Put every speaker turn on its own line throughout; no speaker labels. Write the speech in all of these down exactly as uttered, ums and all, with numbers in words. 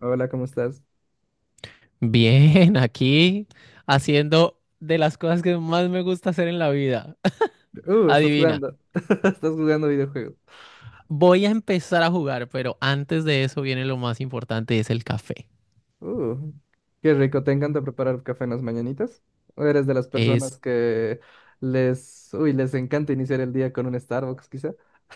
Hola, ¿cómo estás?
Bien, aquí haciendo de las cosas que más me gusta hacer en la vida.
Uh, estás
Adivina,
jugando. Estás jugando videojuegos.
voy a empezar a jugar, pero antes de eso viene lo más importante, es el café.
Uh, Qué rico. ¿Te encanta preparar café en las mañanitas? ¿O eres de las personas
Es
que les, uy, les encanta iniciar el día con un Starbucks, quizá?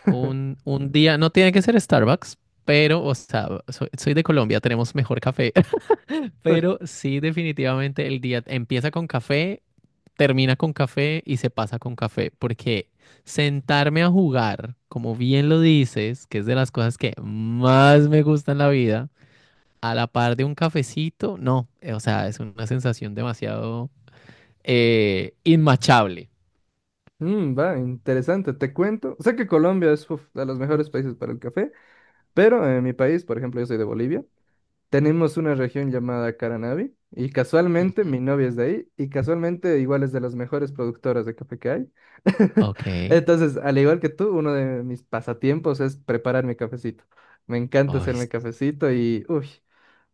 un, un día, no tiene que ser Starbucks, pero, o sea, soy, soy de Colombia, tenemos mejor café,
Uy,
pero sí definitivamente el día empieza con café, termina con café y se pasa con café, porque sentarme a jugar, como bien lo dices, que es de las cosas que más me gusta en la vida a la par de un cafecito, no, eh, o sea, es una sensación demasiado eh, inmachable.
mm, va, interesante. Te cuento. Sé que Colombia es uf, de los mejores países para el café, pero en mi país, por ejemplo, yo soy de Bolivia. Tenemos una región llamada Caranavi y casualmente
Ujú.
mi novia es de ahí y casualmente igual es de las mejores productoras de café que hay.
Ok. Ay,
Entonces, al igual que tú, uno de mis pasatiempos es preparar mi cafecito. Me encanta hacerme cafecito y, uy,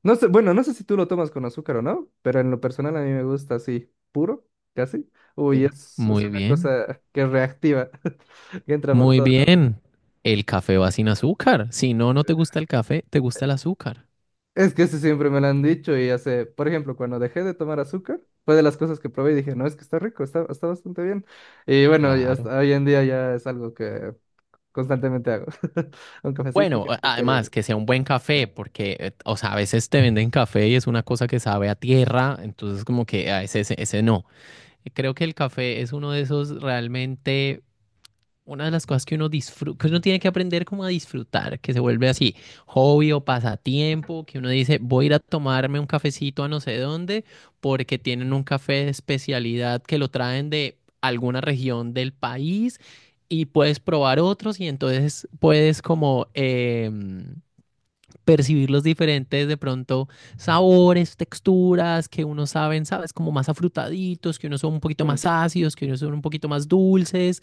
no sé, bueno, no sé si tú lo tomas con azúcar o no, pero en lo personal a mí me gusta así, puro, casi. Uy,
sí.
es, es
Muy
una
bien,
cosa que reactiva, que entra por
muy
todo.
bien. El café va sin azúcar. Si no, no te gusta el café, te gusta el azúcar.
Es que eso siempre me lo han dicho y hace, por ejemplo, cuando dejé de tomar azúcar, fue de las cosas que probé y dije, no, es que está rico, está, está bastante bien. Y bueno, y
Claro.
hasta hoy en día ya es algo que constantemente hago. Un cafecito
Bueno,
sin
a-
azúcar
además
y...
que sea un buen café, porque, eh, o sea, a veces te venden café y es una cosa que sabe a tierra, entonces como que a ese, ese, ese no. Creo que el café es uno de esos realmente una de las cosas que uno disfruta, que uno tiene que aprender como a disfrutar, que se vuelve así, hobby o pasatiempo, que uno dice, voy a ir a tomarme un cafecito a no sé dónde, porque tienen un café de especialidad que lo traen de alguna región del país y puedes probar otros y entonces puedes como... em, percibir los diferentes, de pronto, sabores, texturas que uno saben, sabes, como más afrutaditos, que unos son un poquito
Mm.
más ácidos, que unos son un poquito más dulces.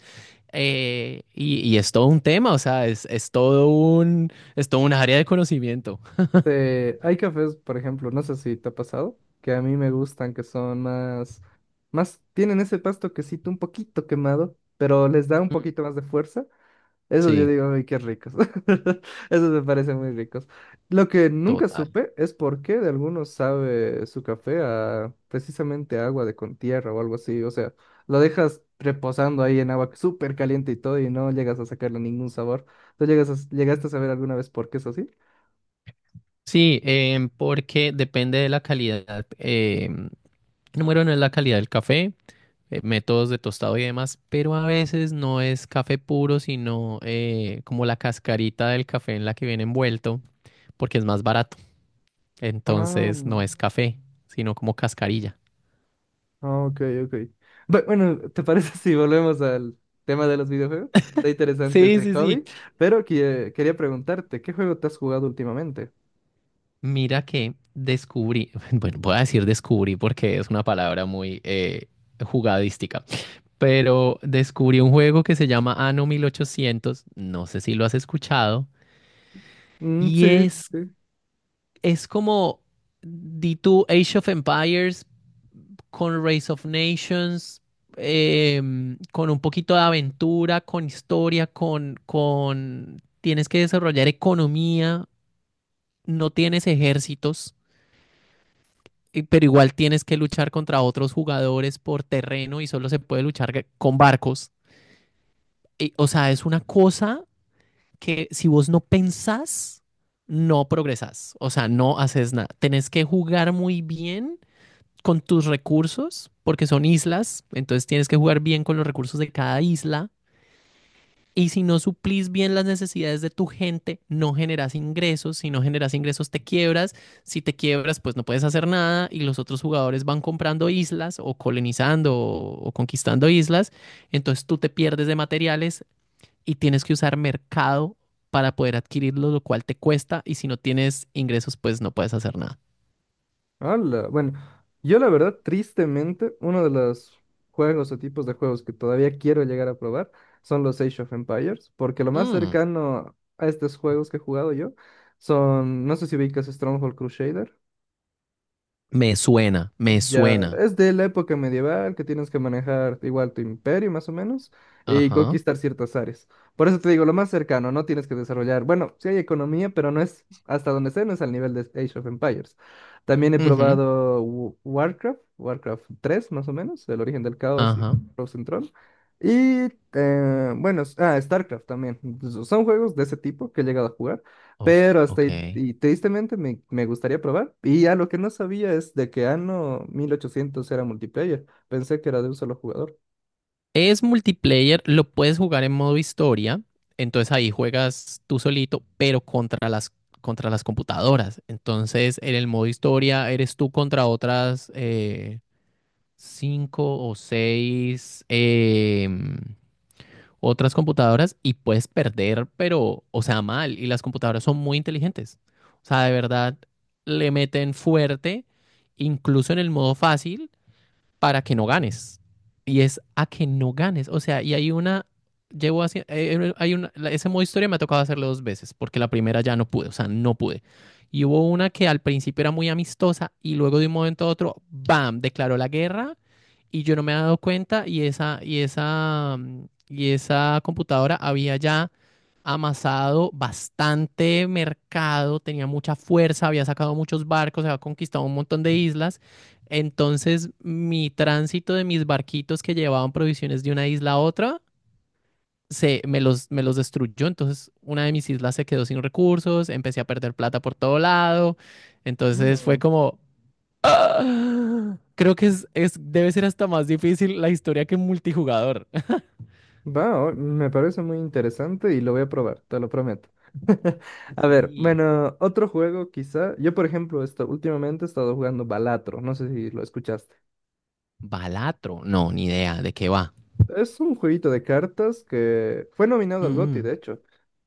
eh, y, y es todo un tema, o sea, es, es todo un, es todo un área de conocimiento.
Eh, hay cafés, por ejemplo, no sé si te ha pasado, que a mí me gustan, que son más, más, tienen ese pasto quesito un poquito quemado, pero les da un
Mm.
poquito más de fuerza. Esos yo
Sí,
digo, uy, qué ricos. Esos me parecen muy ricos. Lo que nunca
total.
supe es por qué de algunos sabe su café a precisamente agua de con tierra o algo así. O sea, lo dejas reposando ahí en agua súper caliente y todo y no llegas a sacarle ningún sabor. ¿Tú llegas a- llegaste a saber alguna vez por qué es así?
Sí, em, porque depende de la calidad. em, número uno es la calidad del café. eh, métodos de tostado y demás, pero a veces no es café puro, sino eh, como la cascarita del café en la que viene envuelto, porque es más barato.
Ah,
Entonces no es
no.
café, sino como cascarilla.
Ah, ok, ok. Bu- Bueno, ¿te parece si volvemos al tema de los videojuegos? Está interesante
Sí,
este
sí, sí.
hobby, pero que- quería preguntarte, ¿qué juego te has jugado últimamente?
Mira que descubrí, bueno, voy a decir descubrí porque es una palabra muy eh, jugadística, pero descubrí un juego que se llama Anno mil ochocientos, no sé si lo has escuchado,
Mm,
y
sí,
es,
sí.
es como... Di tú Age of Empires, con Race of Nations, em, con un poquito de aventura, con historia, con, con... Tienes que desarrollar economía, no tienes ejércitos, eh, pero igual tienes que luchar contra otros jugadores por terreno y solo se puede luchar g- con barcos. Y, o sea, es una cosa que si vos no pensás, no progresás, o sea, no haces nada. Tenés que jugar muy bien con tus recursos, porque son islas, entonces tienes que jugar bien con los recursos de cada isla. Y si no suplís bien las necesidades de tu gente, no generas ingresos. Si no generas ingresos, te quiebras. Si te quiebras, pues no puedes hacer nada. Y los otros jugadores van comprando islas o colonizando o, o conquistando islas. Entonces tú te pierdes de materiales y tienes que usar mercado para poder adquirirlo, lo cual te cuesta. Y si no tienes ingresos, pues no puedes hacer nada.
Ala, bueno, yo la verdad, tristemente, uno de los juegos o tipos de juegos que todavía quiero llegar a probar son los Age of Empires, porque lo más
Mm.
cercano a estos juegos que he jugado yo son, no sé si ubicas Stronghold Crusader.
Me suena, me
Ya,
suena.
es de la época medieval que tienes que manejar igual tu imperio más o menos y
Ajá.
conquistar ciertas áreas. Por eso te digo, lo más cercano, no tienes que desarrollar, bueno, sí hay economía, pero no es, hasta donde sé, no es al nivel de Age of Empires. También he
Ujú.
probado Wa- Warcraft, Warcraft tres más o menos, El origen del caos y
Ajá.
Frozen Throne. Y eh, bueno, s- ah, StarCraft también. Son juegos de ese tipo que he llegado a jugar.
o-
Pero hasta
ok.
ahí, y tristemente me, me gustaría probar. Y ya lo que no sabía es de que Anno mil ochocientos era multiplayer. Pensé que era de un solo jugador.
Es multiplayer, lo puedes jugar en modo historia, entonces ahí juegas tú solito, pero contra las, contra las computadoras. Entonces en el modo historia eres tú contra otras eh, cinco o seis em, otras computadoras y puedes perder, pero, o sea, mal. Y las computadoras son muy inteligentes. O sea, de verdad, le meten fuerte, incluso en el modo fácil, para que no ganes. Y es a que no ganes. O sea, y hay una, llevo así, hay una, la- ese modo historia me ha tocado hacerlo dos veces, porque la primera ya no pude, o sea, no pude. Y hubo una que al principio era muy amistosa y luego de un momento a otro, ¡bam!, declaró la guerra y yo no me había dado cuenta y esa, y esa, mm, y esa computadora había ya amasado bastante mercado, tenía mucha fuerza, había sacado muchos barcos, había conquistado un montón de islas, entonces, mi tránsito de mis barquitos que llevaban provisiones de una isla a otra, se, me los, me los destruyó. Entonces, una de mis islas se quedó sin recursos, empecé a perder plata por todo lado. Entonces, fue
Mm,
como... ¡ah! Creo que es, es, debe ser hasta más difícil la historia que multijugador.
Va, o- me parece muy interesante y lo voy a probar, te lo prometo. A ver,
Sí.
bueno, otro juego quizá. Yo, por ejemplo, esto, últimamente he estado jugando Balatro, no sé si lo escuchaste.
Balatro. No, ni idea de qué va.
Es un jueguito de cartas que fue nominado al GOTY,
Mm.
de hecho,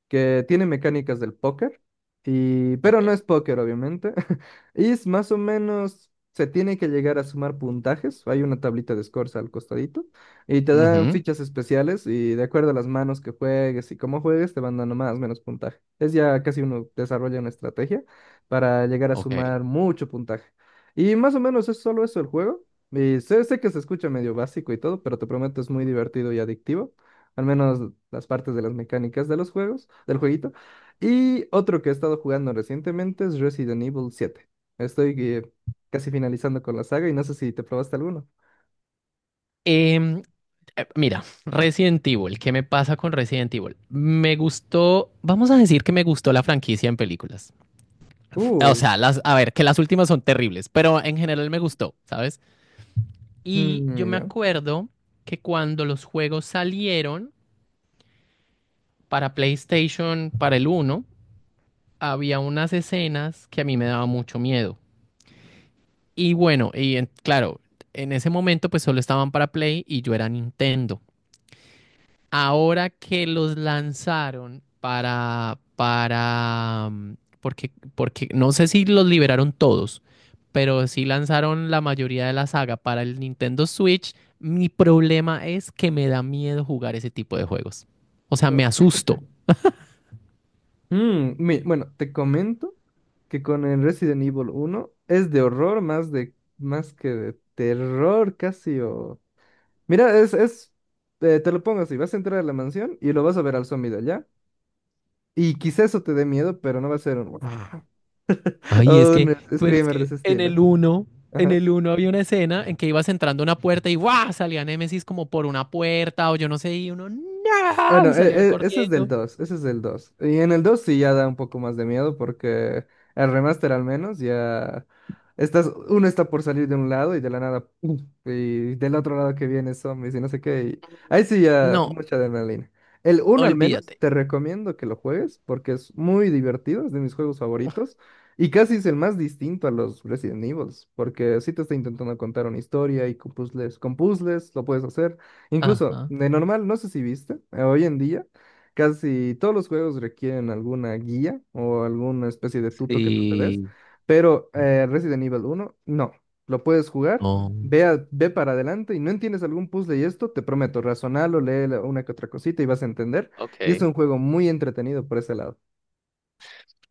que tiene mecánicas del póker, y, pero
Ok.
no es póker, obviamente. Y es más o menos, se tiene que llegar a sumar puntajes. Hay una tablita de scores al costadito, y te dan
Ujú.
fichas especiales, y de acuerdo a las manos que juegues y cómo juegues, te van dando más o menos puntaje. Es ya casi uno desarrolla una estrategia para llegar a
Ok.
sumar mucho puntaje. Y más o menos es solo eso el juego. Y sé, sé que se escucha medio básico y todo, pero te prometo es muy divertido y adictivo, al menos las partes de las mecánicas de los juegos, del jueguito. Y otro que he estado jugando recientemente es Resident Evil siete. Estoy eh, casi finalizando con la saga y no sé si te probaste alguno.
Em, eh, mira, Resident Evil, ¿qué me pasa con Resident Evil? Me gustó, vamos a decir que me gustó la franquicia en películas. O
Uh,
sea, las, a ver, que las últimas son terribles, pero en general me gustó, ¿sabes? Y yo
mm,
me
ya.
acuerdo que cuando los juegos salieron para PlayStation, para el uno, había unas escenas que a mí me daba mucho miedo. Y bueno, y en- claro, en ese momento pues solo estaban para Play y yo era Nintendo. Ahora que los lanzaron para, para, mm, porque, porque no sé si los liberaron todos, pero sí lanzaron la mayoría de la saga para el Nintendo Switch, mi problema es que me da miedo jugar ese tipo de juegos. O sea, me
No.
asusto.
Mm, mi- bueno, te comento que con el Resident Evil uno es de horror más de más que de terror casi o mira, es es eh, te lo pongo así, vas a entrar a la mansión y lo vas a ver al zombie de allá y quizá eso te dé miedo, pero no va a ser un "Guau".
Ay, es
O un
que, pero es
screamer de
que
ese
en
estilo.
el uno, en
Ajá.
el uno había una escena en que ibas entrando a una puerta y ¡guau!, salía Nemesis como por una puerta o yo no sé, y uno ¡no!
Bueno,
Y
e-
salía
e- ese es del
corriendo.
dos ese es del dos Y en el dos sí ya da un poco más de miedo porque el remaster al menos ya estás, uno está por salir de un lado y de la nada, ¡pum! Y del otro lado que viene zombies y no sé qué, y ahí sí ya
No,
mucha adrenalina. El uno al menos
olvídate.
te recomiendo que lo juegues porque es muy divertido, es de mis juegos favoritos. Y casi es el más distinto a los Resident Evil, porque sí te está intentando contar una historia y con puzzles, con puzzles lo puedes hacer. Incluso,
Ajá.
de normal, no sé si viste, eh, hoy en día casi todos los juegos requieren alguna guía o alguna especie de tuto que tú te des,
Sí.
pero eh, Resident Evil uno, no, lo puedes jugar,
No.
ve, a- ve para adelante y no entiendes algún puzzle y esto, te prometo, razonalo, lee la- una que otra cosita y vas a entender, y es
Ok.
un juego muy entretenido por ese lado.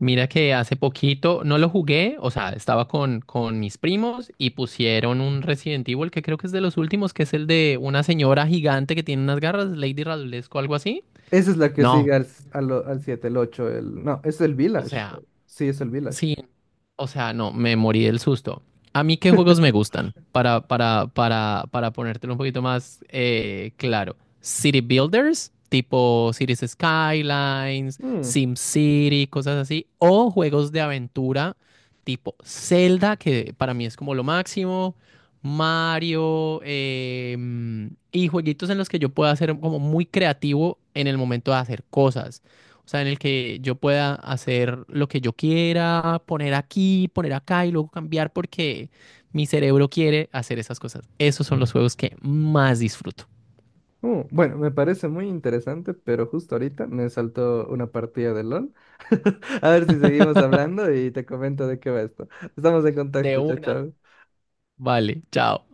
Mira que hace poquito no lo jugué, o sea, estaba con, con mis primos y pusieron un Resident Evil que creo que es de los últimos, que es el de una señora gigante que tiene unas garras, Lady Radulesco o algo así.
Esa es la que
No,
sigue al, s- al, o- al siete, el ocho, el... No, es el
o
Village,
sea,
sí, es el Village.
sí, o sea, no, me morí del susto. A mí, ¿qué juegos me gustan? Para, para, para, para ponértelo un poquito más eh, claro. City Builders, tipo Cities Skylines, SimCity, cosas así. O juegos de aventura, tipo Zelda, que para mí es como lo máximo. Mario, eh, mm, y jueguitos en los que yo pueda ser como muy creativo en el momento de hacer cosas. O sea, en el que yo pueda hacer lo que yo quiera, poner aquí, poner acá y luego cambiar porque mi cerebro quiere hacer esas cosas. Esos son los juegos que más disfruto.
Uh, bueno, me parece muy interesante, pero justo ahorita me saltó una partida de L O L. A ver si seguimos hablando y te comento de qué va esto. Estamos en
De
contacto, chao,
una.
chao.
Vale, chao.